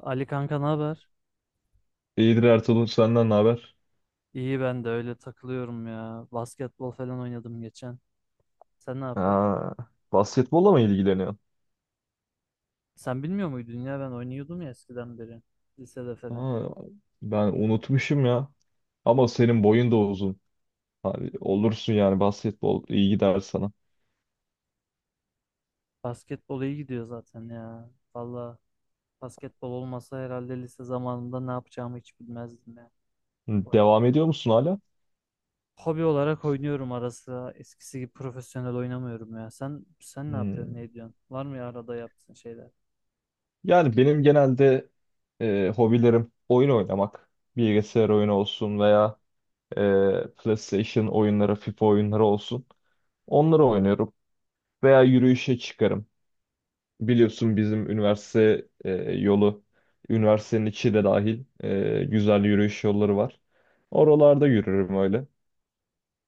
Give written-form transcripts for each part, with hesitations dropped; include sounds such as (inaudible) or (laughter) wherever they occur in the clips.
Ali kanka, ne haber? İyidir Ertuğrul senden ne haber? İyi, ben de öyle takılıyorum ya. Basketbol falan oynadım geçen. Sen ne yapıyorsun? Ha, Basketbolla mı ilgileniyorsun? Sen bilmiyor muydun ya, ben oynuyordum ya eskiden beri. Lisede falan. Aa, Ben unutmuşum ya. Ama senin boyun da uzun. Hani olursun yani basketbol iyi gider sana. Basketbol iyi gidiyor zaten ya. Valla basketbol olmasa herhalde lise zamanında ne yapacağımı hiç bilmezdim ya. Hı, Devam ediyor musun hala? Hobi olarak oynuyorum ara sıra. Eskisi gibi profesyonel oynamıyorum ya. Sen ne yapıyorsun? Hmm. Ne ediyorsun? Var mı ya arada yaptığın şeyler? Yani benim genelde hobilerim oyun oynamak. Bilgisayar oyunu olsun veya e, PlayStation oyunları, FIFA oyunları olsun. Onları oynuyorum. Veya yürüyüşe çıkarım. Biliyorsun bizim üniversite yolu, üniversitenin içi de dahil güzel yürüyüş yolları var. Oralarda yürürüm öyle.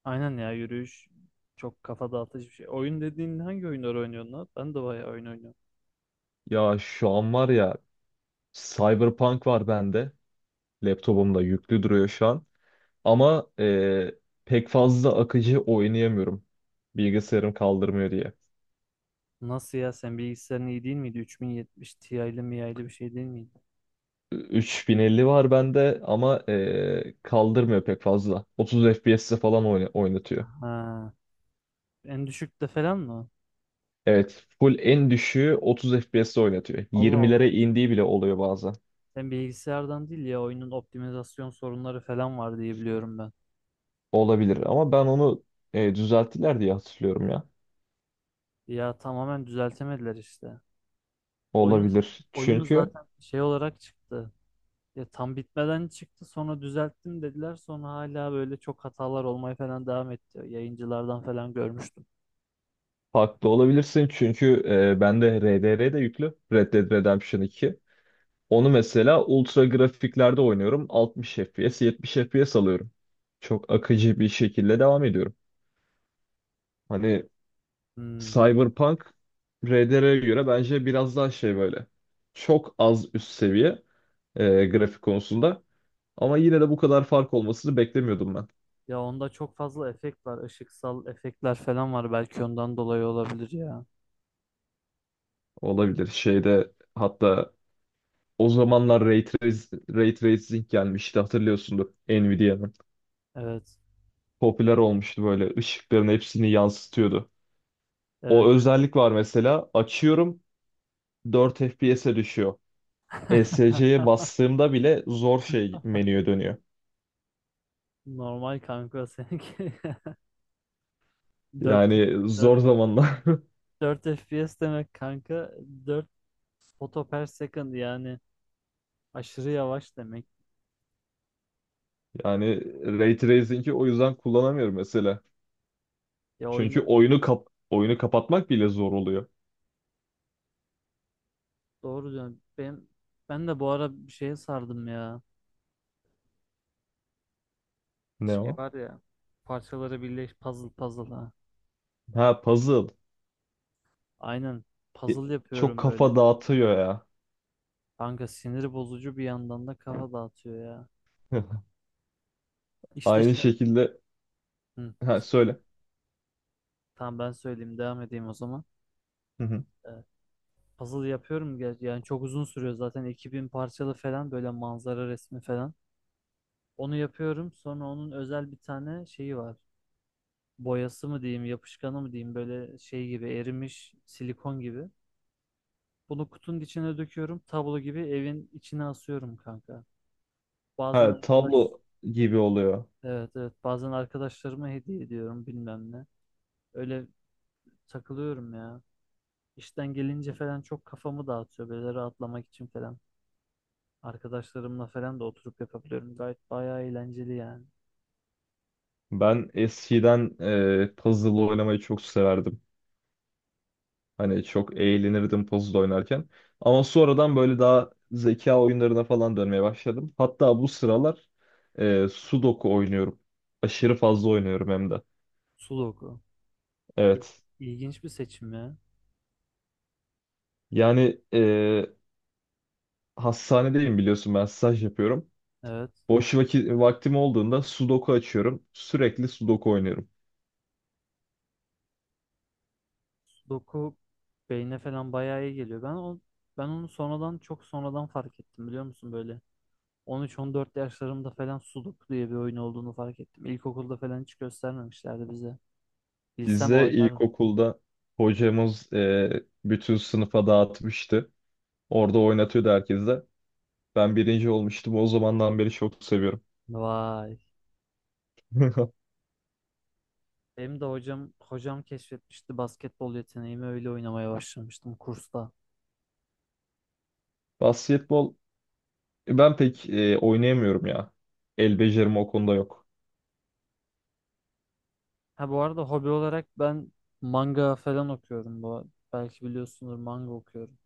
Aynen ya, yürüyüş çok kafa dağıtıcı bir şey. Oyun dediğin hangi oyunları oynuyorsun lan? Ben de bayağı oyun oynuyorum. Ya şu an var ya, Cyberpunk var bende. Laptopumda yüklü duruyor şu an. Ama pek fazla akıcı oynayamıyorum. Bilgisayarım kaldırmıyor diye. Nasıl ya, sen bilgisayarın iyi değil miydi? 3070 Ti'li miya'lı bir şey değil miydi? 3050 var bende ama kaldırmıyor pek fazla. 30 FPS'te falan oynatıyor. Ha. En düşükte falan mı? Evet, full en düşüğü 30 FPS'te oynatıyor. Allah Allah. 20'lere indiği bile oluyor bazen. Sen bilgisayardan değil ya, oyunun optimizasyon sorunları falan var diye biliyorum ben. Olabilir ama ben onu düzelttiler diye hatırlıyorum ya. Ya tamamen düzeltemediler işte. Oyun Olabilir. oyun Çünkü zaten şey olarak çıktı. Ya tam bitmeden çıktı, sonra düzelttim dediler, sonra hala böyle çok hatalar olmaya falan devam etti. Yayıncılardan falan görmüştüm. farklı olabilirsin. Çünkü bende RDR de yüklü. Red Dead Redemption 2. Onu mesela ultra grafiklerde oynuyorum. 60 FPS, 70 FPS alıyorum. Çok akıcı bir şekilde devam ediyorum. Hani Hmm. Cyberpunk RDR'ye göre bence biraz daha şey böyle. Çok az üst seviye. Grafik konusunda. Ama yine de bu kadar fark olmasını beklemiyordum ben. Ya onda çok fazla efekt var. Işıksal efektler falan var. Belki ondan dolayı olabilir ya. Olabilir. Şeyde hatta o zamanlar Ray Tracing gelmişti, hatırlıyorsundur Nvidia'nın. Evet. Popüler olmuştu böyle, ışıkların hepsini yansıtıyordu. O Evet. özellik var mesela, açıyorum 4 FPS'e düşüyor. (laughs) ESC'ye bastığımda bile zor şey menüye dönüyor. Normal kanka seninki. (laughs) 4 Yani 4 zor zamanlar. (laughs) 4 FPS demek kanka. 4 foto per second yani aşırı yavaş demek. Yani Ray Tracing'i o yüzden kullanamıyorum mesela. Ya Çünkü oyunda oyunu kapatmak bile zor oluyor. doğru diyorsun. Ben de bu ara bir şeye sardım ya. Ne Şey o? var ya. Parçaları birleş, puzzle, ha. Ha, puzzle. Aynen. E, Puzzle çok yapıyorum böyle. kafa dağıtıyor ya. Kanka sinir bozucu, bir yandan da kafa dağıtıyor ya. (laughs) İşte Aynı şey... şekilde Hı, ha, söyle. söyle. Tamam, ben söyleyeyim, devam edeyim o zaman. Hı hı. Ee, puzzle yapıyorum yani çok uzun sürüyor zaten, 2000 parçalı falan, böyle manzara resmi falan. Onu yapıyorum, sonra onun özel bir tane şeyi var. Boyası mı diyeyim, yapışkanı mı diyeyim, böyle şey gibi, erimiş silikon gibi. Bunu kutunun içine döküyorum, tablo gibi evin içine asıyorum kanka. Bazen Ha, arkadaş, tablo gibi oluyor. evet evet, bazen arkadaşlarıma hediye ediyorum, bilmem ne. Öyle takılıyorum ya. İşten gelince falan çok kafamı dağıtıyor, böyle rahatlamak için falan. Arkadaşlarımla falan da oturup yapabiliyorum. Gayet bayağı eğlenceli yani. Ben eskiden puzzle oynamayı çok severdim. Hani çok eğlenirdim puzzle oynarken. Ama sonradan böyle daha zeka oyunlarına falan dönmeye başladım. Hatta bu sıralar Sudoku oynuyorum. Aşırı fazla oynuyorum hem de. Sudoku. İ- Evet. İlginç bir seçim ya. Yani hastanedeyim, biliyorsun ben staj yapıyorum. Evet. Vaktim olduğunda sudoku açıyorum. Sürekli sudoku oynuyorum. Sudoku beyne falan bayağı iyi geliyor. Ben onu sonradan, çok sonradan fark ettim, biliyor musun, böyle. 13-14 yaşlarımda falan Sudoku diye bir oyun olduğunu fark ettim. İlkokulda falan hiç göstermemişlerdi bize. Bilsem Bize oynardım. ilkokulda hocamız bütün sınıfa dağıtmıştı. Orada oynatıyordu herkese. Ben birinci olmuştum. O zamandan beri çok seviyorum. Vay. (laughs) Benim de hocam keşfetmişti basketbol yeteneğimi, öyle oynamaya başlamıştım kursta. Basketbol ben pek oynayamıyorum ya. El becerim o konuda yok. Ha, bu arada hobi olarak ben manga falan okuyorum bu. Belki biliyorsundur, manga okuyorum.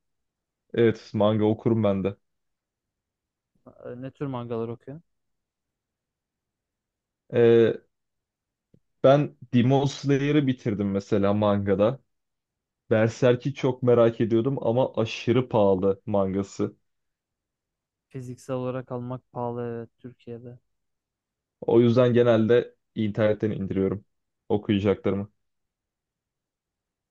Evet, manga okurum ben de. Ne tür mangalar okuyorum? E, Ben Demon Slayer'ı bitirdim mesela mangada. Berserk'i çok merak ediyordum ama aşırı pahalı mangası. Fiziksel olarak almak pahalı, evet, Türkiye'de. O yüzden genelde internetten indiriyorum okuyacaklarımı.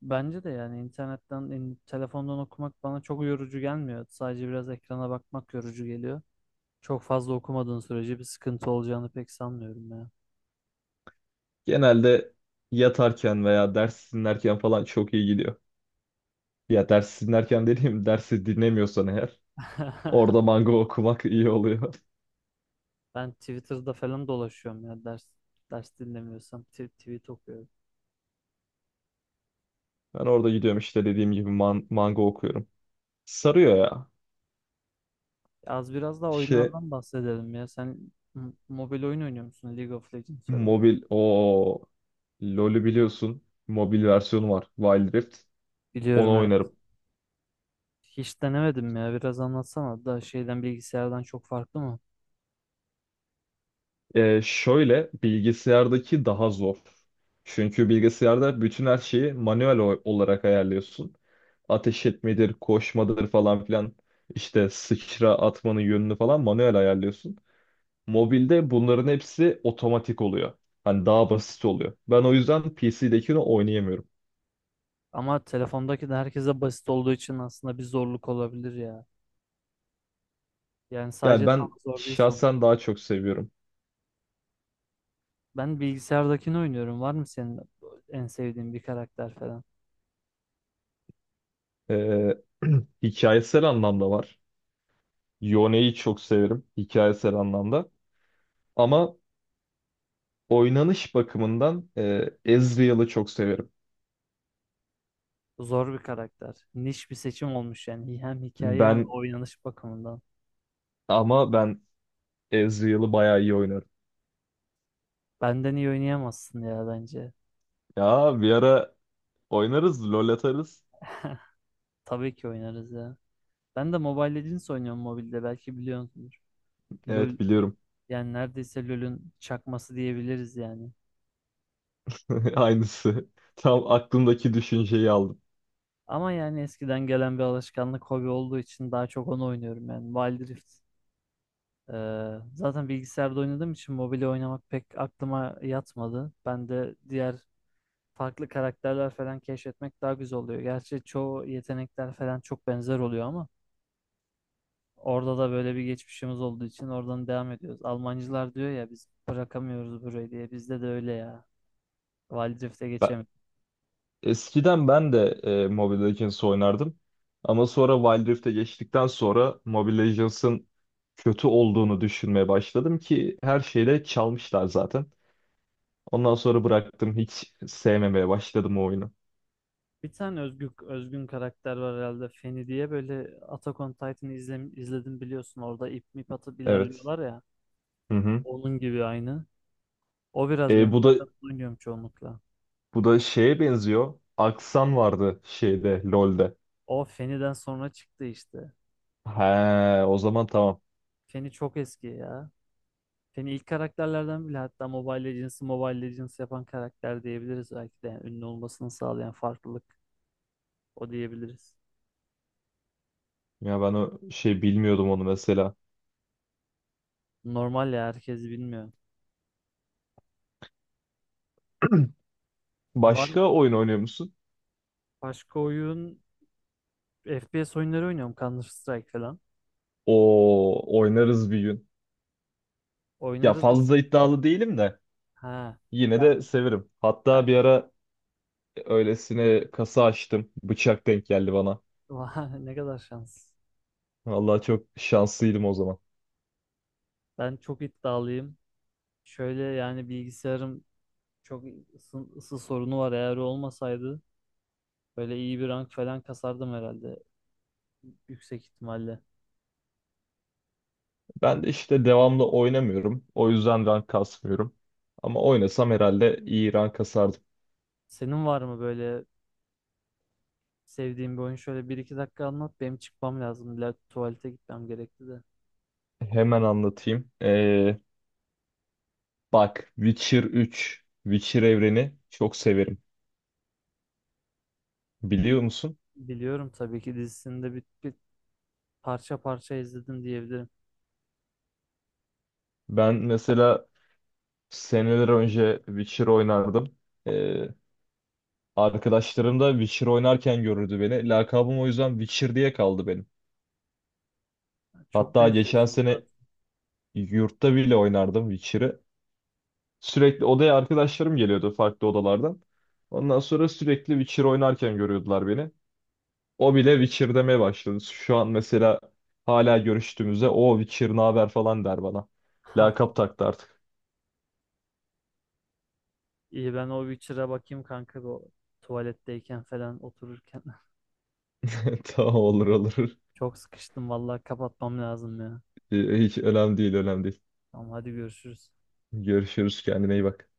Bence de yani internetten, telefondan okumak bana çok yorucu gelmiyor. Sadece biraz ekrana bakmak yorucu geliyor. Çok fazla okumadığın sürece bir sıkıntı olacağını pek sanmıyorum ya. Genelde yatarken veya ders dinlerken falan çok iyi gidiyor. Ya ders dinlerken dediğim, dersi dinlemiyorsan eğer (laughs) orada manga okumak iyi oluyor. (laughs) Ben Twitter'da falan dolaşıyorum ya, ders dinlemiyorsam tweet okuyorum. Ben orada gidiyorum işte, dediğim gibi manga okuyorum. Sarıyor ya. Az biraz da İşte oyunlardan bahsedelim ya. Sen mobil oyun oynuyor musun? League of Legends falan. mobil o LoL'ü biliyorsun. Mobil versiyonu var, Wild Rift. Biliyorum, Onu evet. oynarım. Hiç denemedim ya. Biraz anlatsana da, şeyden, bilgisayardan çok farklı mı? Şöyle, bilgisayardaki daha zor. Çünkü bilgisayarda bütün her şeyi manuel olarak ayarlıyorsun. Ateş etmedir, koşmadır falan filan. İşte sıçra atmanın yönünü falan manuel ayarlıyorsun. Mobilde bunların hepsi otomatik oluyor. Hani daha basit oluyor. Ben o yüzden PC'dekini oynayamıyorum. Ama telefondaki de herkese basit olduğu için aslında bir zorluk olabilir ya. Yani Yani sadece sana ben zor değil son. şahsen daha çok seviyorum. Ben bilgisayardakini oynuyorum. Var mı senin en sevdiğin bir karakter falan? Ee, (clears throat) hikayesel anlamda var. Yone'yi çok severim hikayesel anlamda. Ama oynanış bakımından Ezreal'ı çok severim. Zor bir karakter. Niş bir seçim olmuş yani. Hem hikaye hem Ben oynanış bakımından. ama ben Ezreal'ı bayağı iyi oynarım. Benden iyi oynayamazsın ya bence. Ya bir ara oynarız, LoL atarız. Tabii ki oynarız ya. Ben de Mobile Legends oynuyorum mobilde. Belki biliyorsunuz. LoL, Evet, biliyorum. yani neredeyse LoL'ün çakması diyebiliriz yani. (laughs) Aynısı. Tam aklımdaki düşünceyi aldım. Ama yani eskiden gelen bir alışkanlık, hobi olduğu için daha çok onu oynuyorum yani. Wild Rift. Ee, zaten bilgisayarda oynadığım için mobile oynamak pek aklıma yatmadı. Ben de diğer farklı karakterler falan keşfetmek daha güzel oluyor. Gerçi çoğu yetenekler falan çok benzer oluyor, ama orada da böyle bir geçmişimiz olduğu için oradan devam ediyoruz. Almancılar diyor ya biz bırakamıyoruz burayı diye. Bizde de öyle ya. Valdrift'e Ben, geçemedik. Eskiden ben de Mobile Legends oynardım. Ama sonra Wild Rift'e geçtikten sonra Mobile Legends'ın kötü olduğunu düşünmeye başladım, ki her şeyle çalmışlar zaten. Ondan sonra bıraktım. Hiç sevmemeye başladım o oyunu. Bir tane özgün karakter var herhalde, Feni diye, böyle Attack on Titan'ı izledim biliyorsun, orada ip mip atıp Evet. ilerliyorlar ya, Hı hı. onun gibi aynı. O biraz E, benim, bu da zaten oynuyorum çoğunlukla. Bu da şeye benziyor. Aksan vardı şeyde, LoL'de. O Feni'den sonra çıktı işte. He, o zaman tamam. Feni çok eski ya. Seni ilk karakterlerden bile, hatta Mobile Legends'ı Mobile Legends yapan karakter diyebiliriz belki de. Yani ünlü olmasını sağlayan farklılık o diyebiliriz. Ya ben o şey bilmiyordum onu mesela. Normal ya, herkes bilmiyor. (clears throat) Var mı Başka oyun oynuyor musun? başka oyun? FPS oyunları oynuyorum, Counter Strike falan. O oynarız bir gün. Ya Oynarız da. fazla iddialı değilim de Ha. yine Ben. de severim. Hatta ben- bir ara öylesine kasa açtım. Bıçak denk geldi bana. (laughs) Vah, ne kadar şans. Vallahi çok şanslıydım o zaman. Ben çok iddialıyım. Şöyle yani bilgisayarım çok ısı sorunu var. Eğer olmasaydı böyle iyi bir rank falan kasardım herhalde. Yüksek ihtimalle. Ben de işte devamlı oynamıyorum. O yüzden rank kasmıyorum. Ama oynasam herhalde iyi rank kasardım. Senin var mı böyle sevdiğim bir oyun, şöyle bir iki dakika anlat. Benim çıkmam lazım. İlla tuvalete gitmem gerekti de. Hemen anlatayım. Bak, Witcher 3, Witcher evreni çok severim. Biliyor musun? Biliyorum tabii ki, dizisini de bir, bir parça parça izledim diyebilirim. Ben mesela seneler önce Witcher oynardım. Ee, arkadaşlarım da Witcher oynarken görürdü beni. Lakabım o yüzden Witcher diye kaldı benim. Çok Hatta geçen benziyorsunuz sene zaten. yurtta bile oynardım Witcher'ı. Sürekli odaya arkadaşlarım geliyordu farklı odalardan. Ondan sonra sürekli Witcher oynarken görüyordular beni. O bile Witcher demeye başladı. Şu an mesela hala görüştüğümüzde o Witcher ne haber falan der bana. Ha, Lakap taktı artık. iyi, ben o Witcher'a bakayım kanka, bu o tuvaletteyken falan otururken. (laughs) (laughs) Tamam, olur olur. Çok sıkıştım vallahi, kapatmam lazım ya. Hiç önemli değil, önemli değil. Tamam, hadi görüşürüz. Görüşürüz, kendine iyi bak.